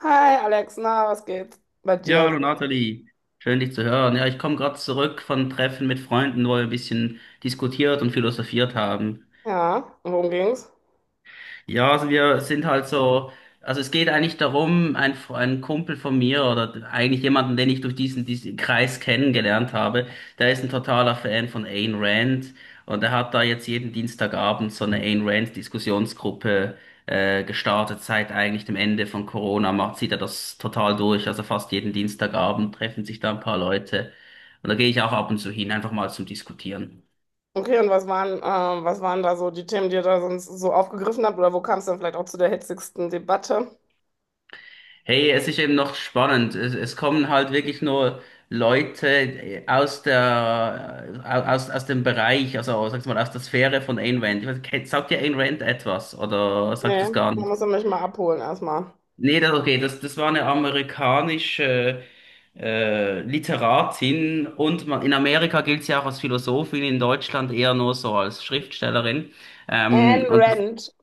Hi Alex, na, was geht bei Ja, dir hallo Nathalie, schön dich zu hören. Ja, ich komme gerade zurück von Treffen mit Freunden, wo wir ein bisschen diskutiert und philosophiert haben. Ja, und worum ging's? Ja, also wir sind halt so, also es geht eigentlich darum, ein Kumpel von mir oder eigentlich jemanden, den ich durch diesen Kreis kennengelernt habe, der ist ein totaler Fan von Ayn Rand und er hat da jetzt jeden Dienstagabend so eine Ayn Rand Diskussionsgruppe gestartet. Seit eigentlich dem Ende von Corona macht, zieht er das total durch. Also fast jeden Dienstagabend treffen sich da ein paar Leute und da gehe ich auch ab und zu hin, einfach mal zum Diskutieren. Okay, und was waren da so die Themen, die ihr da sonst so aufgegriffen habt? Oder wo kam es dann vielleicht auch zu der hitzigsten Debatte? Hey, es ist eben noch spannend. Es kommen halt wirklich nur Leute aus der, aus dem Bereich, also sag's mal, aus der Sphäre von Ayn Rand. Ich weiß, sagt dir Ayn Rand etwas oder sagt das Nee, gar da musst du nichts? mich mal abholen erstmal. Nee, okay, das war eine amerikanische Literatin und man, in Amerika gilt sie auch als Philosophin, in Deutschland eher nur so als Schriftstellerin. Ayn Und das Rand,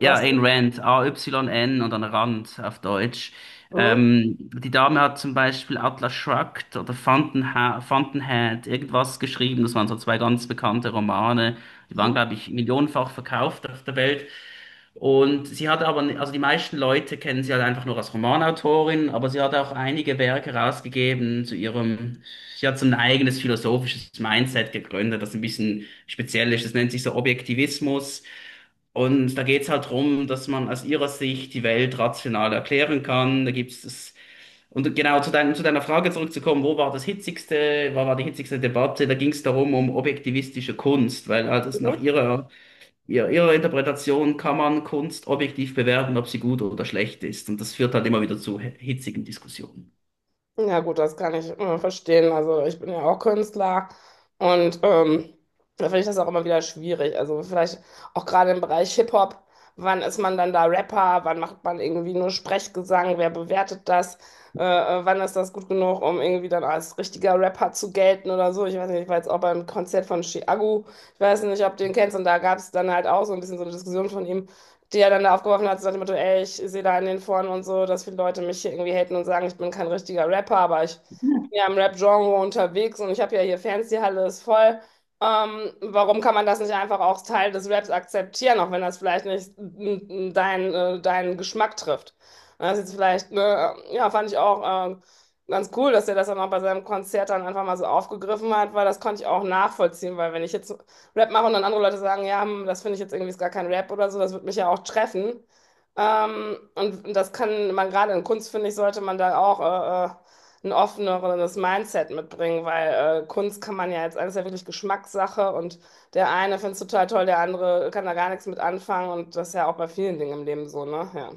Ja, sagst Ayn du? Rand, A-Y-N und dann Rand auf Deutsch. Mhm. Die Dame hat zum Beispiel Atlas Shrugged oder Fountainha Fountainhead, irgendwas geschrieben. Das waren so zwei ganz bekannte Romane. Die waren, glaube ich, millionenfach verkauft auf der Welt. Und sie hat aber, also die meisten Leute kennen sie halt einfach nur als Romanautorin, aber sie hat auch einige Werke rausgegeben zu ihrem, sie hat so ein eigenes philosophisches Mindset gegründet, das ein bisschen speziell ist. Das nennt sich so Objektivismus. Und da geht's halt drum, dass man aus ihrer Sicht die Welt rational erklären kann. Da gibt's das, und genau zu deiner Frage zurückzukommen, wo war das hitzigste, wo war die hitzigste Debatte? Da ging's darum, um objektivistische Kunst, weil halt es nach Mhm. ihrer Interpretation kann man Kunst objektiv bewerten, ob sie gut oder schlecht ist. Und das führt halt immer wieder zu hitzigen Diskussionen. Ja gut, das kann ich verstehen. Also ich bin ja auch Künstler, und da finde ich das auch immer wieder schwierig. Also vielleicht auch gerade im Bereich Hip-Hop, wann ist man dann da Rapper, wann macht man irgendwie nur Sprechgesang, wer bewertet das, wann ist das gut genug, um irgendwie dann als richtiger Rapper zu gelten oder so. Ich weiß nicht, ich war jetzt auch beim Konzert von Chiago, ich weiß nicht, ob du den kennst, und da gab es dann halt auch so ein bisschen so eine Diskussion von ihm, die er dann da aufgeworfen hat, so nach dem Motto: ey, ich sehe da in den Foren und so, dass viele Leute mich hier irgendwie haten und sagen, ich bin kein richtiger Rapper, aber ich bin ja im Rap-Genre unterwegs und ich habe ja hier Fans, die Halle ist voll. Warum kann man das nicht einfach auch als Teil des Raps akzeptieren, auch wenn das vielleicht nicht dein, deinen Geschmack trifft? Und das ist jetzt vielleicht, ne, ja, fand ich auch ganz cool, dass er das dann auch bei seinem Konzert dann einfach mal so aufgegriffen hat, weil das konnte ich auch nachvollziehen, weil wenn ich jetzt Rap mache und dann andere Leute sagen, ja, hm, das finde ich jetzt irgendwie ist gar kein Rap oder so, das wird mich ja auch treffen. Und, das kann man gerade in Kunst, finde ich, sollte man da auch ein offeneres Mindset mitbringen, weil Kunst kann man ja jetzt, alles ja wirklich Geschmackssache, und der eine findet es total toll, der andere kann da gar nichts mit anfangen, und das ist ja auch bei vielen Dingen im Leben so, ne? Ja.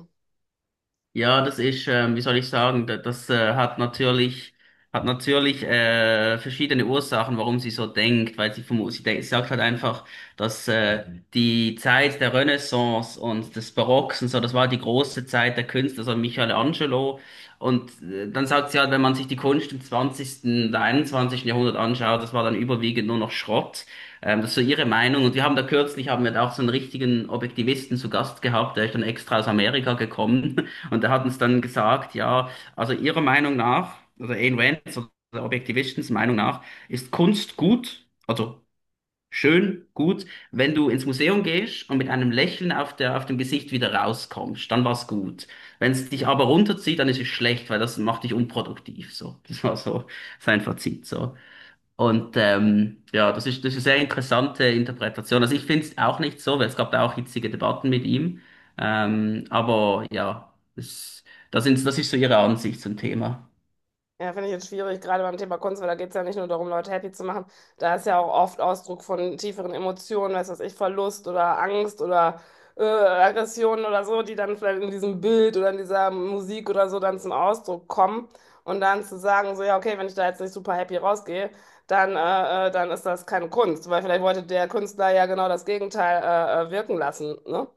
Ja, das ist, wie soll ich sagen, das hat natürlich verschiedene Ursachen, warum sie so denkt, weil sie, sie denkt, sie sagt halt einfach, dass die Zeit der Renaissance und des Barocks und so, das war die große Zeit der Künstler, so Michelangelo. Und dann sagt sie halt, wenn man sich die Kunst im zwanzigsten oder einundzwanzigsten Jahrhundert anschaut, das war dann überwiegend nur noch Schrott. Das ist so ihre Meinung. Und wir haben da kürzlich, haben wir da auch so einen richtigen Objektivisten zu Gast gehabt, der ist dann extra aus Amerika gekommen. Und er hat uns dann gesagt, ja, also ihrer Meinung nach, also Ayn Rands oder Objektivistens Meinung nach, ist Kunst gut, also schön gut, wenn du ins Museum gehst und mit einem Lächeln auf der, auf dem Gesicht wieder rauskommst, dann war's gut. Wenn es dich aber runterzieht, dann ist es schlecht, weil das macht dich unproduktiv, so. Das war so sein Fazit, so. Und ja, das ist eine sehr interessante Interpretation. Also ich finde es auch nicht so, weil es gab da auch hitzige Debatten mit ihm. Aber ja, das, das sind, das ist so ihre Ansicht zum Thema. Ja, finde ich jetzt schwierig, gerade beim Thema Kunst, weil da geht es ja nicht nur darum, Leute happy zu machen. Da ist ja auch oft Ausdruck von tieferen Emotionen, weiß was ich, Verlust oder Angst oder Aggressionen oder so, die dann vielleicht in diesem Bild oder in dieser Musik oder so dann zum Ausdruck kommen. Und dann zu sagen, so, ja, okay, wenn ich da jetzt nicht super happy rausgehe, dann ist das keine Kunst, weil vielleicht wollte der Künstler ja genau das Gegenteil wirken lassen, ne?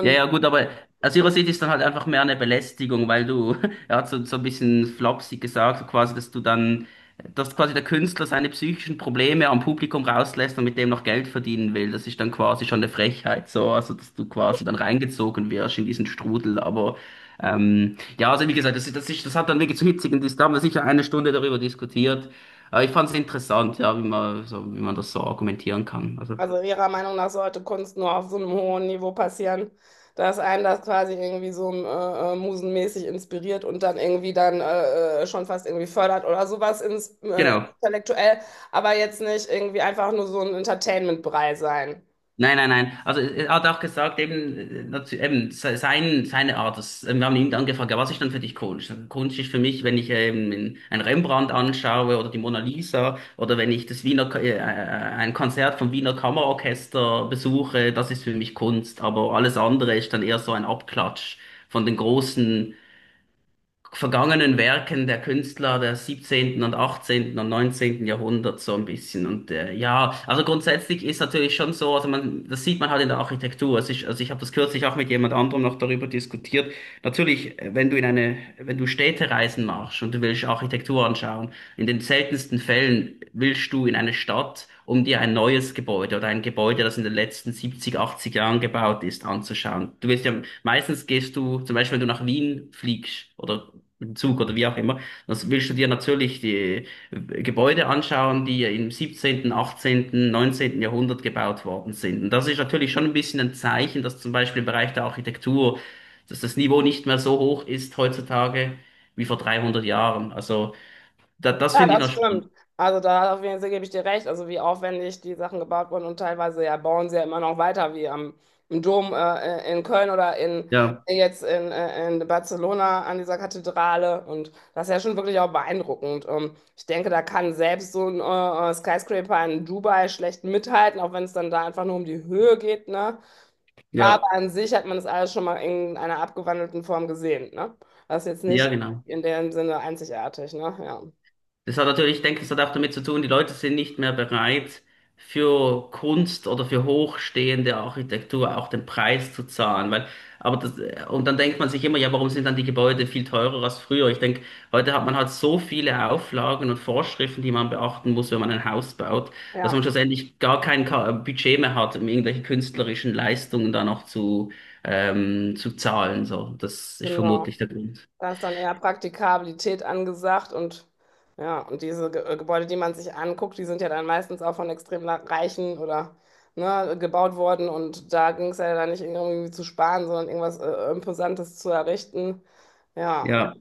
Ja, ja, gut, aber aus ihrer Sicht ist dann halt einfach mehr eine Belästigung, weil du, er hat so, so ein bisschen flapsig gesagt, so quasi, dass du dann, dass quasi der Künstler seine psychischen Probleme am Publikum rauslässt und mit dem noch Geld verdienen will. Das ist dann quasi schon eine Frechheit, so, also dass du quasi dann reingezogen wirst in diesen Strudel. Aber ja, also wie gesagt, das hat dann wirklich zu hitzigen da haben wir sicher eine Stunde darüber diskutiert. Aber ich fand es interessant, ja, wie man, so, wie man das so argumentieren kann. Also, also Ihrer Meinung nach sollte Kunst nur auf so einem hohen Niveau passieren, dass einen das quasi irgendwie so musenmäßig inspiriert und dann irgendwie dann schon fast irgendwie fördert oder sowas ins, genau. intellektuell, aber jetzt nicht irgendwie einfach nur so ein Entertainment-Brei sein. Nein, nein, nein. Also er hat auch gesagt, eben, eben sein, seine Art. Wir haben ihn dann gefragt, ja, was ist dann für dich Kunst? Kunst ist für mich, wenn ich ein Rembrandt anschaue oder die Mona Lisa oder wenn ich das ein Konzert vom Wiener Kammerorchester besuche, das ist für mich Kunst. Aber alles andere ist dann eher so ein Abklatsch von den großen vergangenen Werken der Künstler der 17. und 18. und 19. Jahrhunderts so ein bisschen. Und ja, also grundsätzlich ist natürlich schon so, also man, das sieht man halt in der Architektur. Also ich habe das kürzlich auch mit jemand anderem noch darüber diskutiert. Natürlich, wenn du in eine, wenn du Städtereisen machst und du willst Architektur anschauen, in den seltensten Fällen willst du in eine Stadt, um dir ein neues Gebäude oder ein Gebäude, das in den letzten 70, 80 Jahren gebaut ist, anzuschauen. Du willst ja, meistens gehst du, zum Beispiel wenn du nach Wien fliegst oder im Zug oder wie auch immer, das willst du dir natürlich die Gebäude anschauen, die ja im 17., 18., 19. Jahrhundert gebaut worden sind. Und das ist natürlich schon ein bisschen ein Zeichen, dass zum Beispiel im Bereich der Architektur, dass das Niveau nicht mehr so hoch ist heutzutage wie vor 300 Jahren. Also da, das Ja, finde ich das noch spannend. stimmt. Also da auf jeden Fall gebe ich dir recht. Also wie aufwendig die Sachen gebaut wurden und teilweise ja bauen sie ja immer noch weiter, wie am im Dom in Köln oder in Ja, jetzt in Barcelona an dieser Kathedrale. Und das ist ja schon wirklich auch beeindruckend. Ich denke, da kann selbst so ein Skyscraper in Dubai schlecht mithalten, auch wenn es dann da einfach nur um die Höhe geht, ne? ja, Aber an sich hat man das alles schon mal in einer abgewandelten Form gesehen, ne? Das ist jetzt ja, nicht genau. in dem Sinne einzigartig, ne? Ja. Das hat natürlich, ich denke, das hat auch damit zu tun, die Leute sind nicht mehr bereit, für Kunst oder für hochstehende Architektur auch den Preis zu zahlen. Weil, aber das, und dann denkt man sich immer, ja, warum sind dann die Gebäude viel teurer als früher? Ich denke, heute hat man halt so viele Auflagen und Vorschriften, die man beachten muss, wenn man ein Haus baut, dass Ja. man schlussendlich gar kein Budget mehr hat, um irgendwelche künstlerischen Leistungen da noch zu zahlen. So, das ist Genau. vermutlich der Grund. Da ist dann eher Praktikabilität angesagt, und ja, und diese Ge Gebäude, die man sich anguckt, die sind ja dann meistens auch von extrem Reichen oder, ne, gebaut worden, und da ging es ja dann nicht irgendwie zu sparen, sondern irgendwas Imposantes zu errichten. Ja, Ja.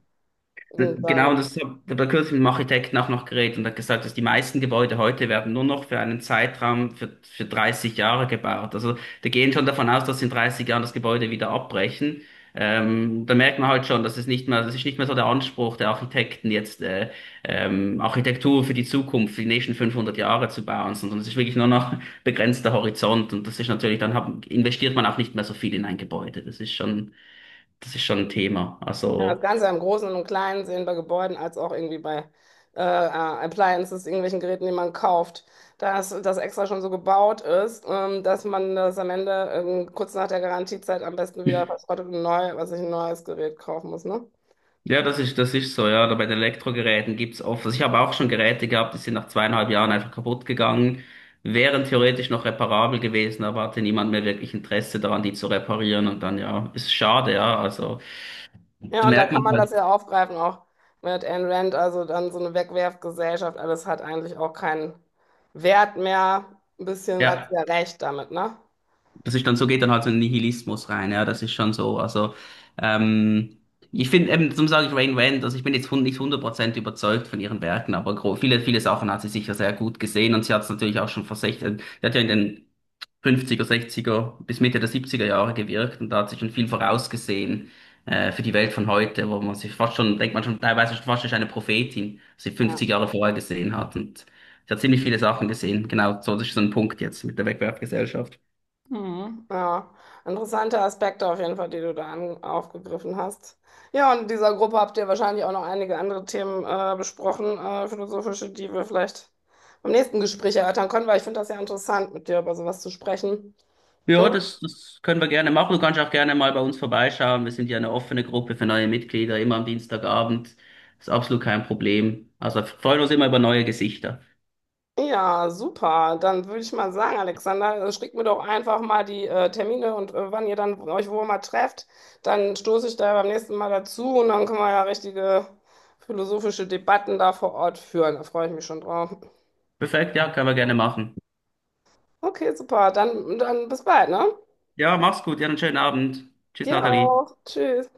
und Genau, dann. das habe ich bei kürzlich mit dem Architekten auch noch geredet und er hat gesagt, dass die meisten Gebäude heute werden nur noch für einen Zeitraum für 30 Jahre gebaut. Also die gehen schon davon aus, dass in 30 Jahren das Gebäude wieder abbrechen. Da merkt man halt schon, dass es nicht mehr, das ist nicht mehr so der Anspruch der Architekten jetzt Architektur für die Zukunft, für die nächsten 500 Jahre zu bauen, sondern es ist wirklich nur noch begrenzter Horizont und das ist natürlich, investiert man auch nicht mehr so viel in ein Gebäude. Das ist schon ein Thema. Ja, das Also Ganze im Großen und Kleinen sehen bei Gebäuden als auch irgendwie bei äh, äh, Appliances, irgendwelchen Geräten, die man kauft, dass das extra schon so gebaut ist, dass man das am Ende kurz nach der Garantiezeit am besten wieder verschrottet und neu, was ich ein neues Gerät kaufen muss, ne? ja, das ist so, ja. Oder bei den Elektrogeräten gibt's oft. Also ich habe auch schon Geräte gehabt, die sind nach 2,5 Jahren einfach kaputt gegangen, wären theoretisch noch reparabel gewesen, aber hatte niemand mehr wirklich Interesse daran, die zu reparieren. Und dann, ja, ist schade, ja. Also, Ja, da und da merkt kann man man halt, das ja aufgreifen, auch mit Ayn Rand, also dann so eine Wegwerfgesellschaft, alles hat eigentlich auch keinen Wert mehr. Ein bisschen hat sie ja. ja recht damit, ne? Das ist dann so, geht dann halt so ein Nihilismus rein, ja, das ist schon so. Also, ähm, ich finde eben, zum sagen, ich Rain Rand, also ich bin jetzt nicht 100% überzeugt von ihren Werken, aber viele Sachen hat sie sicher sehr gut gesehen und sie hat es natürlich auch schon vor 16, sie hat ja in den 50er, 60er bis Mitte der 70er Jahre gewirkt und da hat sich schon viel vorausgesehen für die Welt von heute, wo man sich fast schon, denkt man schon teilweise schon fast schon ist eine Prophetin, was sie Ja. 50 Jahre vorher gesehen hat und sie hat ziemlich viele Sachen gesehen. Genau, so das ist so ein Punkt jetzt mit der Wegwerfgesellschaft. Hm, ja, interessante Aspekte auf jeden Fall, die du da an, aufgegriffen hast. Ja, und in dieser Gruppe habt ihr wahrscheinlich auch noch einige andere Themen besprochen, philosophische, die wir vielleicht beim nächsten Gespräch erörtern können, weil ich finde das ja interessant, mit dir über sowas zu sprechen. Ja, Hm, das, das können wir gerne machen. Du kannst auch gerne mal bei uns vorbeischauen. Wir sind ja eine offene Gruppe für neue Mitglieder, immer am Dienstagabend. Ist absolut kein Problem. Also freuen uns immer über neue Gesichter. ja, super. Dann würde ich mal sagen, Alexander, schickt mir doch einfach mal die Termine und wann ihr dann euch wo mal trefft. Dann stoße ich da beim nächsten Mal dazu, und dann können wir ja richtige philosophische Debatten da vor Ort führen. Da freue ich mich schon drauf. Perfekt, ja, können wir gerne machen. Okay, super. Dann, dann bis bald, ne? Ja, mach's gut, ja, einen schönen Abend. Tschüss, Dir Nathalie. auch. Tschüss.